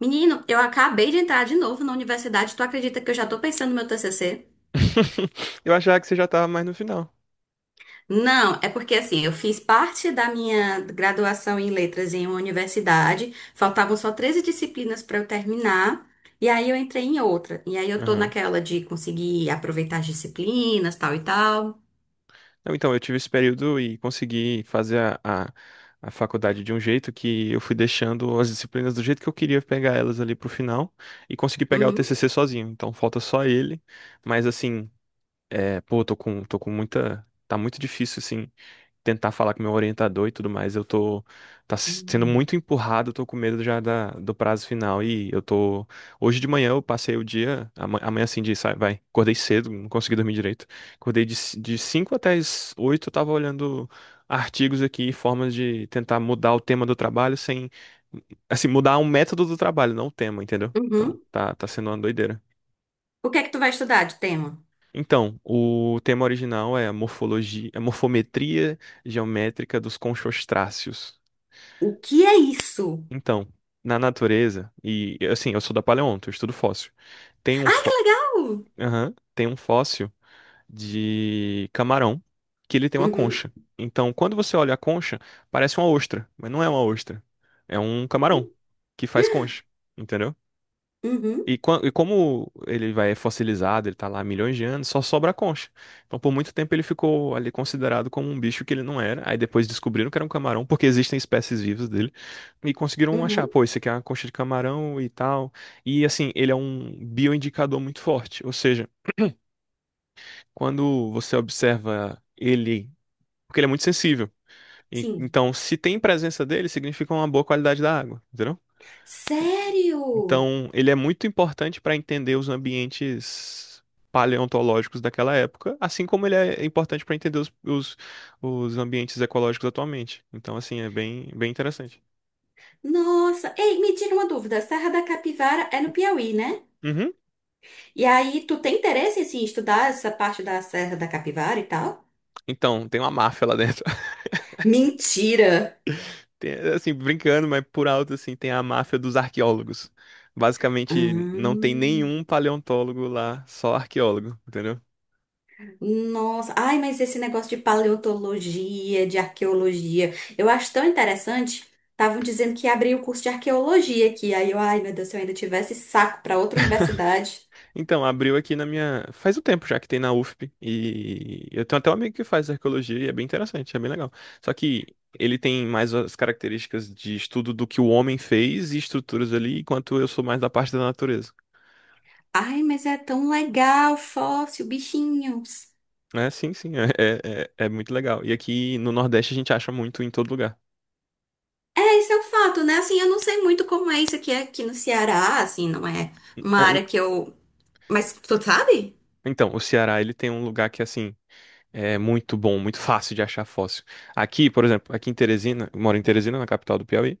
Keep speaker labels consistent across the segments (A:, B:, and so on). A: Menino, eu acabei de entrar de novo na universidade. Tu acredita que eu já tô pensando no meu TCC?
B: Eu achava que você já tava mais no final.
A: Não, é porque assim, eu fiz parte da minha graduação em letras em uma universidade, faltavam só 13 disciplinas para eu terminar, e aí eu entrei em outra. E aí eu tô
B: Aham.
A: naquela de conseguir aproveitar as disciplinas, tal e tal.
B: Não, então, eu tive esse período e consegui fazer a faculdade de um jeito que eu fui deixando as disciplinas do jeito que eu queria pegar elas ali pro final e consegui pegar o
A: Uhum.
B: TCC sozinho. Então, falta só ele. Mas, assim, é, pô, tô com muita. Tá muito difícil, assim. Tentar falar com meu orientador e tudo mais, eu tô sendo
A: Hum.
B: muito empurrado, eu tô com medo já da, do prazo final e eu tô hoje de manhã eu passei o dia, amanhã assim de sai, vai, acordei cedo, não consegui dormir direito. Acordei de 5 até as 8, eu tava olhando artigos aqui, formas de tentar mudar o tema do trabalho sem, assim, mudar um método do trabalho, não o tema, entendeu? Então,
A: Uhum.
B: tá sendo uma doideira.
A: O que é que tu vai estudar de tema?
B: Então, o tema original é a morfologia, a morfometria geométrica dos conchostráceos.
A: O que é isso?
B: Então, na natureza, e assim, eu sou da paleonto, eu estudo fóssil. Tem um,
A: Ai, que
B: fó...
A: legal!
B: Aham. Tem um fóssil de camarão que ele tem uma
A: Uhum.
B: concha. Então, quando você olha a concha, parece uma ostra, mas não é uma ostra. É um camarão que faz concha, entendeu?
A: Uhum.
B: E, como ele vai é fossilizado, ele tá lá há milhões de anos, só sobra a concha. Então, por muito tempo, ele ficou ali considerado como um bicho que ele não era. Aí depois descobriram que era um camarão, porque existem espécies vivas dele. E conseguiram achar,
A: Uhum.
B: pô, esse aqui é uma concha de camarão e tal. E assim, ele é um bioindicador muito forte. Ou seja, quando você observa ele, porque ele é muito sensível.
A: Sim.
B: Então, se tem presença dele, significa uma boa qualidade da água, entendeu?
A: Sério?
B: Então, ele é muito importante para entender os ambientes paleontológicos daquela época, assim como ele é importante para entender os ambientes ecológicos atualmente. Então, assim, é bem, bem interessante.
A: Nossa, ei, me tira uma dúvida. Serra da Capivara é no Piauí, né?
B: Uhum.
A: E aí, tu tem interesse assim, em estudar essa parte da Serra da Capivara e tal?
B: Então, tem uma máfia lá dentro.
A: Mentira!
B: Tem, assim, brincando, mas por alto, assim, tem a máfia dos arqueólogos. Basicamente, não tem
A: Hum,
B: nenhum paleontólogo lá, só arqueólogo, entendeu?
A: nossa, ai, mas esse negócio de paleontologia, de arqueologia, eu acho tão interessante. Estavam dizendo que ia abrir o curso de arqueologia aqui. Aí eu, ai, meu Deus, se eu ainda tivesse saco para outra universidade.
B: Então, abriu aqui na minha. Faz um tempo já que tem na UFP. E eu tenho até um amigo que faz arqueologia e é bem interessante, é bem legal. Só que ele tem mais as características de estudo do que o homem fez e estruturas ali, enquanto eu sou mais da parte da natureza.
A: Ai, mas é tão legal, fóssil, bichinhos.
B: É, sim, sim, é muito legal. E aqui no Nordeste a gente acha muito em todo lugar.
A: É, esse é o fato, né? Assim, eu não sei muito como é isso aqui, aqui no Ceará, assim, não é uma
B: Ah.
A: área que eu. Mas tu sabe?
B: Então, o Ceará, ele tem um lugar que, assim, é muito bom, muito fácil de achar fóssil. Aqui, por exemplo, aqui em Teresina, eu moro em Teresina, na capital do Piauí.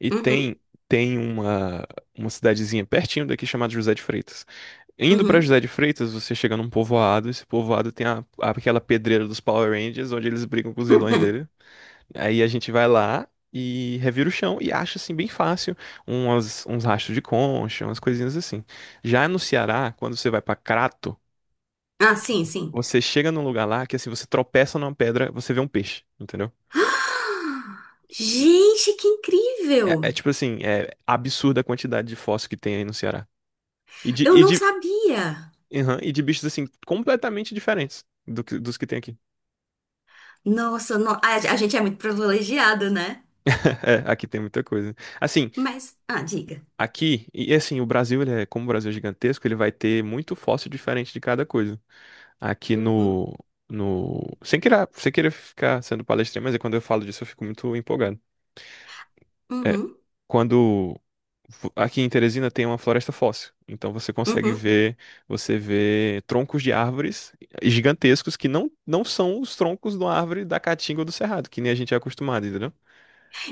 B: E
A: Uhum,
B: tem uma cidadezinha pertinho daqui chamada José de Freitas. Indo pra
A: uhum.
B: José de Freitas, você chega num povoado. Esse povoado tem aquela pedreira dos Power Rangers onde eles brigam com os vilões dele. Aí a gente vai lá e revira o chão e acha assim bem fácil umas, uns rastros de concha, umas coisinhas assim. Já no Ceará, quando você vai pra Crato,
A: Ah, sim, sim.
B: você chega num lugar lá que assim você tropeça numa pedra, você vê um peixe, entendeu?
A: Ah,
B: E
A: gente, que
B: é,
A: incrível!
B: tipo assim, é absurda a quantidade de fóssil que tem aí no Ceará. E de,
A: Eu
B: e
A: não
B: de,
A: sabia!
B: Aham. E de bichos, assim, completamente diferentes dos que tem aqui.
A: Nossa, no- a gente é muito privilegiado, né?
B: É, aqui tem muita coisa. Assim,
A: Mas, ah, diga.
B: aqui, e assim, o Brasil, como o Brasil é gigantesco, ele vai ter muito fóssil diferente de cada coisa. Aqui
A: Uhum,
B: no, no, Sem querer ficar sendo palestrinha, mas é quando eu falo disso eu fico muito empolgado. É,
A: uhum,
B: quando aqui em Teresina tem uma floresta fóssil, então você consegue
A: uhum.
B: ver, você vê troncos de árvores gigantescos que não são os troncos de uma árvore da caatinga ou do cerrado, que nem a gente é acostumado, entendeu?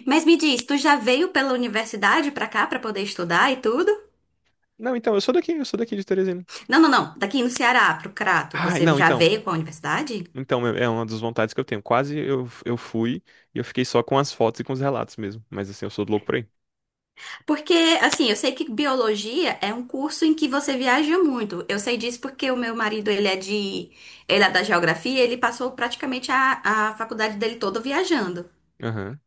A: Mas me diz, tu já veio pela universidade pra cá pra poder estudar e tudo?
B: Não, então, eu sou daqui de Teresina.
A: Não, não, não. Daqui no Ceará, pro Crato,
B: Ah,
A: você
B: não,
A: já
B: então.
A: veio com a universidade?
B: Então, é uma das vontades que eu tenho. Quase eu fui e eu fiquei só com as fotos e com os relatos mesmo. Mas assim, eu sou louco por aí.
A: Porque, assim, eu sei que biologia é um curso em que você viaja muito. Eu sei disso porque o meu marido, ele é de, ele é da geografia, ele passou praticamente a faculdade dele toda viajando.
B: Aham.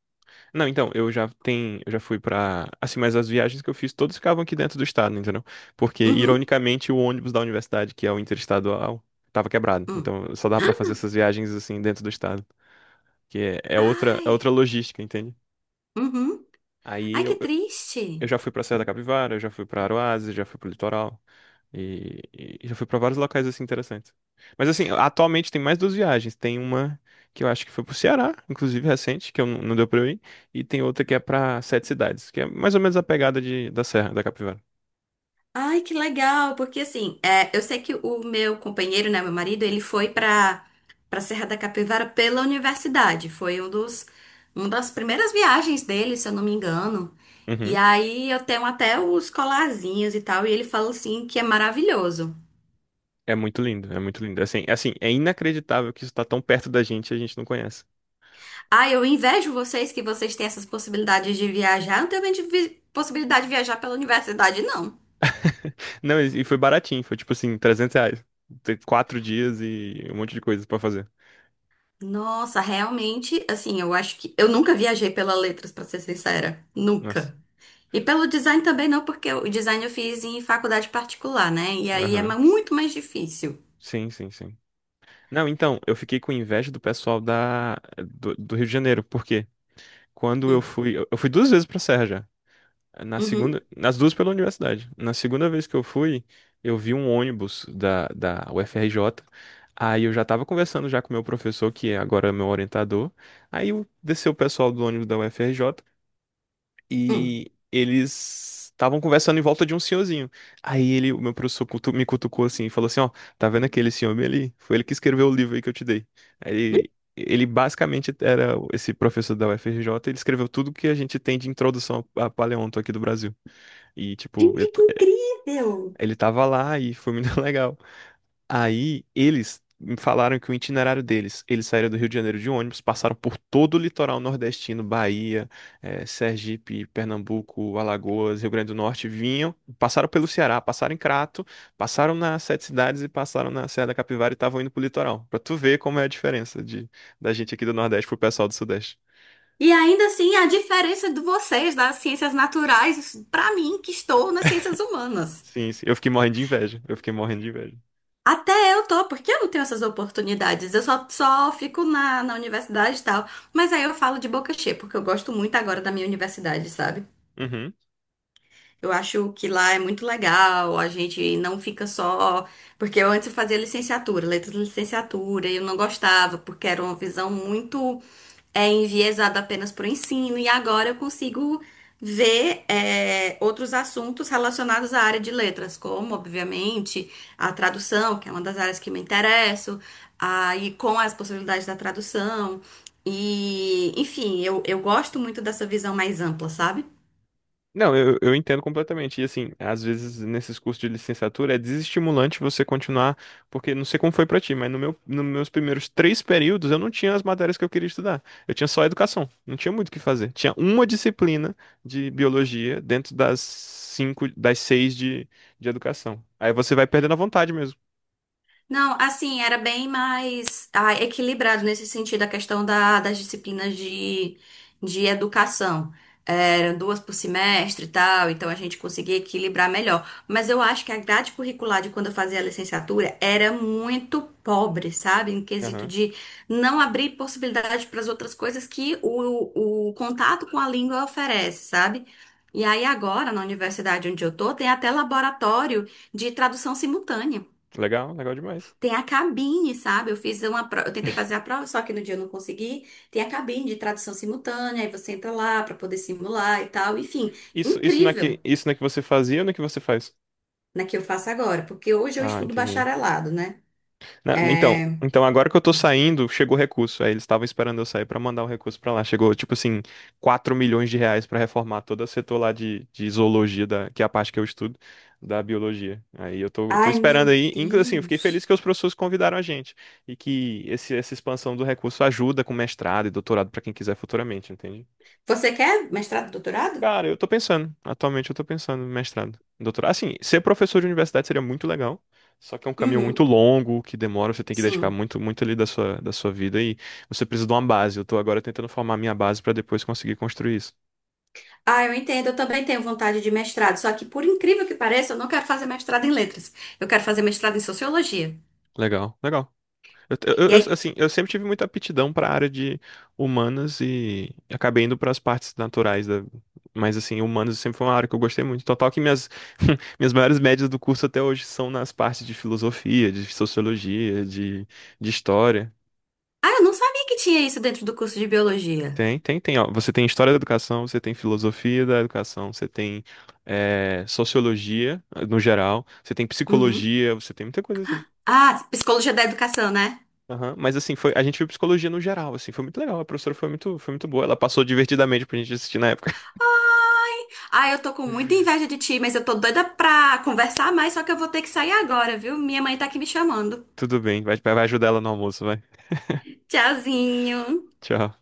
B: Não, então, eu já tenho, eu já fui pra. Assim, mas as viagens que eu fiz, todas ficavam aqui dentro do estado, entendeu? Porque,
A: Uhum.
B: ironicamente, o ônibus da universidade, que é o interestadual, tava quebrado.
A: Hum.
B: Então, só dava pra fazer essas viagens assim dentro do estado. Que é outra
A: Ai.
B: logística, entende?
A: Uhum.
B: Aí
A: Ai, que
B: eu,
A: triste.
B: Eu já fui pra Serra da Capivara, eu já fui pra Aroazes, já fui pro litoral. E já fui pra vários locais assim interessantes. Mas assim, atualmente tem mais duas viagens. Tem uma que eu acho que foi pro Ceará, inclusive recente, que eu não deu pra eu ir. E tem outra que é pra Sete Cidades, que é mais ou menos a pegada de, da Serra da Capivara.
A: Ai, que legal, porque assim, é, eu sei que o meu companheiro, né, meu marido, ele foi para para Serra da Capivara pela universidade. Foi um dos, uma das primeiras viagens dele, se eu não me engano. E
B: Uhum.
A: aí eu tenho até os colarzinhos e tal, e ele fala assim que é maravilhoso.
B: É muito lindo, é muito lindo. Assim, é inacreditável que isso tá tão perto da gente e a gente não conhece.
A: Ah, eu invejo vocês que vocês têm essas possibilidades de viajar. Eu não tenho de vi- possibilidade de viajar pela universidade, não.
B: Não, e foi baratinho, foi tipo assim, R$ 300. Tem 4 dias e um monte de coisa pra fazer.
A: Nossa, realmente, assim, eu acho que eu nunca viajei pela Letras, para ser sincera.
B: Nossa,
A: Nunca. E pelo design também não, porque o design eu fiz em faculdade particular, né? E aí é
B: aham.
A: ma- muito mais difícil.
B: Sim, sim, sim. Não, então, eu fiquei com inveja do pessoal da, do Rio de Janeiro, porque quando eu
A: Hum,
B: fui, eu fui duas vezes pra Serra já. Na
A: uhum,
B: segunda, nas duas pela universidade. Na segunda vez que eu fui, eu vi um ônibus da, da UFRJ. Aí eu já tava conversando já com o meu professor, que é agora é meu orientador. Aí desceu o pessoal do ônibus da UFRJ
A: hum.
B: e eles estavam conversando em volta de um senhorzinho. Aí ele, o meu professor me cutucou assim e falou assim: Ó, tá vendo aquele senhor bem ali? Foi ele que escreveu o livro aí que eu te dei. Aí ele basicamente era esse professor da UFRJ, ele escreveu tudo que a gente tem de introdução a paleonto aqui do Brasil. E, tipo, ele,
A: Gente, que incrível!
B: ele tava lá e foi muito legal. Aí eles me falaram que o itinerário deles, eles saíram do Rio de Janeiro de ônibus, passaram por todo o litoral nordestino, Bahia, Sergipe, Pernambuco, Alagoas, Rio Grande do Norte, vinham, passaram pelo Ceará, passaram em Crato, passaram nas Sete Cidades e passaram na Serra da Capivara e estavam indo pro litoral. Pra tu ver como é a diferença de, da gente aqui do Nordeste pro pessoal do Sudeste.
A: E ainda assim, a diferença de vocês das ciências naturais pra mim, que estou nas ciências humanas.
B: Sim, sim. Eu fiquei morrendo de inveja. Eu fiquei morrendo de inveja.
A: Até eu tô, porque eu não tenho essas oportunidades. Eu só, só fico na universidade e tal. Mas aí eu falo de boca cheia, porque eu gosto muito agora da minha universidade, sabe?
B: Uhum.
A: Eu acho que lá é muito legal, a gente não fica só. Porque eu antes eu fazia licenciatura, letras de licenciatura, e eu não gostava, porque era uma visão muito é, enviesada apenas para o ensino, e agora eu consigo ver é, outros assuntos relacionados à área de letras, como, obviamente, a tradução, que é uma das áreas que me interesso, aí com as possibilidades da tradução. E, enfim, eu gosto muito dessa visão mais ampla, sabe?
B: Não, eu entendo completamente. E assim, às vezes nesses cursos de licenciatura é desestimulante você continuar, porque não sei como foi pra ti, mas no meu, nos meus primeiros três períodos eu não tinha as matérias que eu queria estudar. Eu tinha só educação, não tinha muito o que fazer. Tinha uma disciplina de biologia dentro das cinco, das seis de educação. Aí você vai perdendo a vontade mesmo.
A: Não, assim, era bem mais ah, equilibrado nesse sentido, a questão da- das disciplinas de educação. Eram duas por semestre e tal, então a gente conseguia equilibrar melhor. Mas eu acho que a grade curricular de quando eu fazia a licenciatura era muito pobre, sabe? Em quesito
B: Aham.
A: de não abrir possibilidade para as outras coisas que o contato com a língua oferece, sabe? E aí agora, na universidade onde eu tô, tem até laboratório de tradução simultânea.
B: Legal, legal demais.
A: Tem a cabine, sabe? Eu fiz uma prova, eu tentei fazer a prova, só que no dia eu não consegui. Tem a cabine de tradução simultânea, aí você entra lá para poder simular e tal. Enfim,
B: Isso
A: incrível,
B: na que você fazia ou na que você faz?
A: né, que eu faço agora, porque hoje eu
B: Ah,
A: estudo
B: entendi.
A: bacharelado, né?
B: Então,
A: É...
B: então agora que eu tô saindo, chegou o recurso. Aí eles estavam esperando eu sair pra mandar o recurso pra lá. Chegou, tipo assim, R$ 4 milhões pra reformar todo o setor lá de zoologia, que é a parte que eu estudo, da biologia. Aí eu tô
A: Ai,
B: esperando
A: meu
B: aí. Inclusive, assim, eu fiquei feliz
A: Deus.
B: que os professores convidaram a gente. E que esse, essa expansão do recurso ajuda com mestrado e doutorado pra quem quiser futuramente, entende?
A: Você quer mestrado, doutorado?
B: Cara, eu tô pensando. Atualmente eu tô pensando em mestrado, em doutorado. Assim, ser professor de universidade seria muito legal. Só que é um caminho muito
A: Uhum,
B: longo, que demora, você tem que dedicar
A: sim.
B: muito, muito ali da sua vida e você precisa de uma base. Eu tô agora tentando formar minha base pra depois conseguir construir isso.
A: Ah, eu entendo, eu também tenho vontade de mestrado, só que por incrível que pareça, eu não quero fazer mestrado em letras. Eu quero fazer mestrado em sociologia.
B: Legal, legal. Eu, eu-
A: E
B: eu-
A: aí,
B: assim, eu sempre tive muita aptidão para a área de humanas e acabei indo para as partes naturais da... Mas assim, humanas sempre foi uma área que eu gostei muito. Total que minhas, minhas maiores médias do curso até hoje são nas partes de filosofia, de sociologia, de história.
A: ah, eu não sabia que tinha isso dentro do curso de biologia.
B: Tem, tem, tem. Ó. Você tem história da educação, você tem filosofia da educação, você tem sociologia, no geral, você tem
A: Uhum.
B: psicologia, você tem muita coisa assim.
A: Ah, psicologia da educação, né?
B: Aham. Mas assim, foi, a gente viu psicologia no geral, assim, foi muito legal. A professora foi muito boa. Ela passou divertidamente pra gente assistir na época.
A: Ai, ai, eu tô com muita inveja de ti, mas eu tô doida pra conversar mais, só que eu vou ter que sair agora, viu? Minha mãe tá aqui me chamando.
B: Tudo bem, vai, vai ajudar ela no almoço, vai.
A: Tchauzinho.
B: Tchau.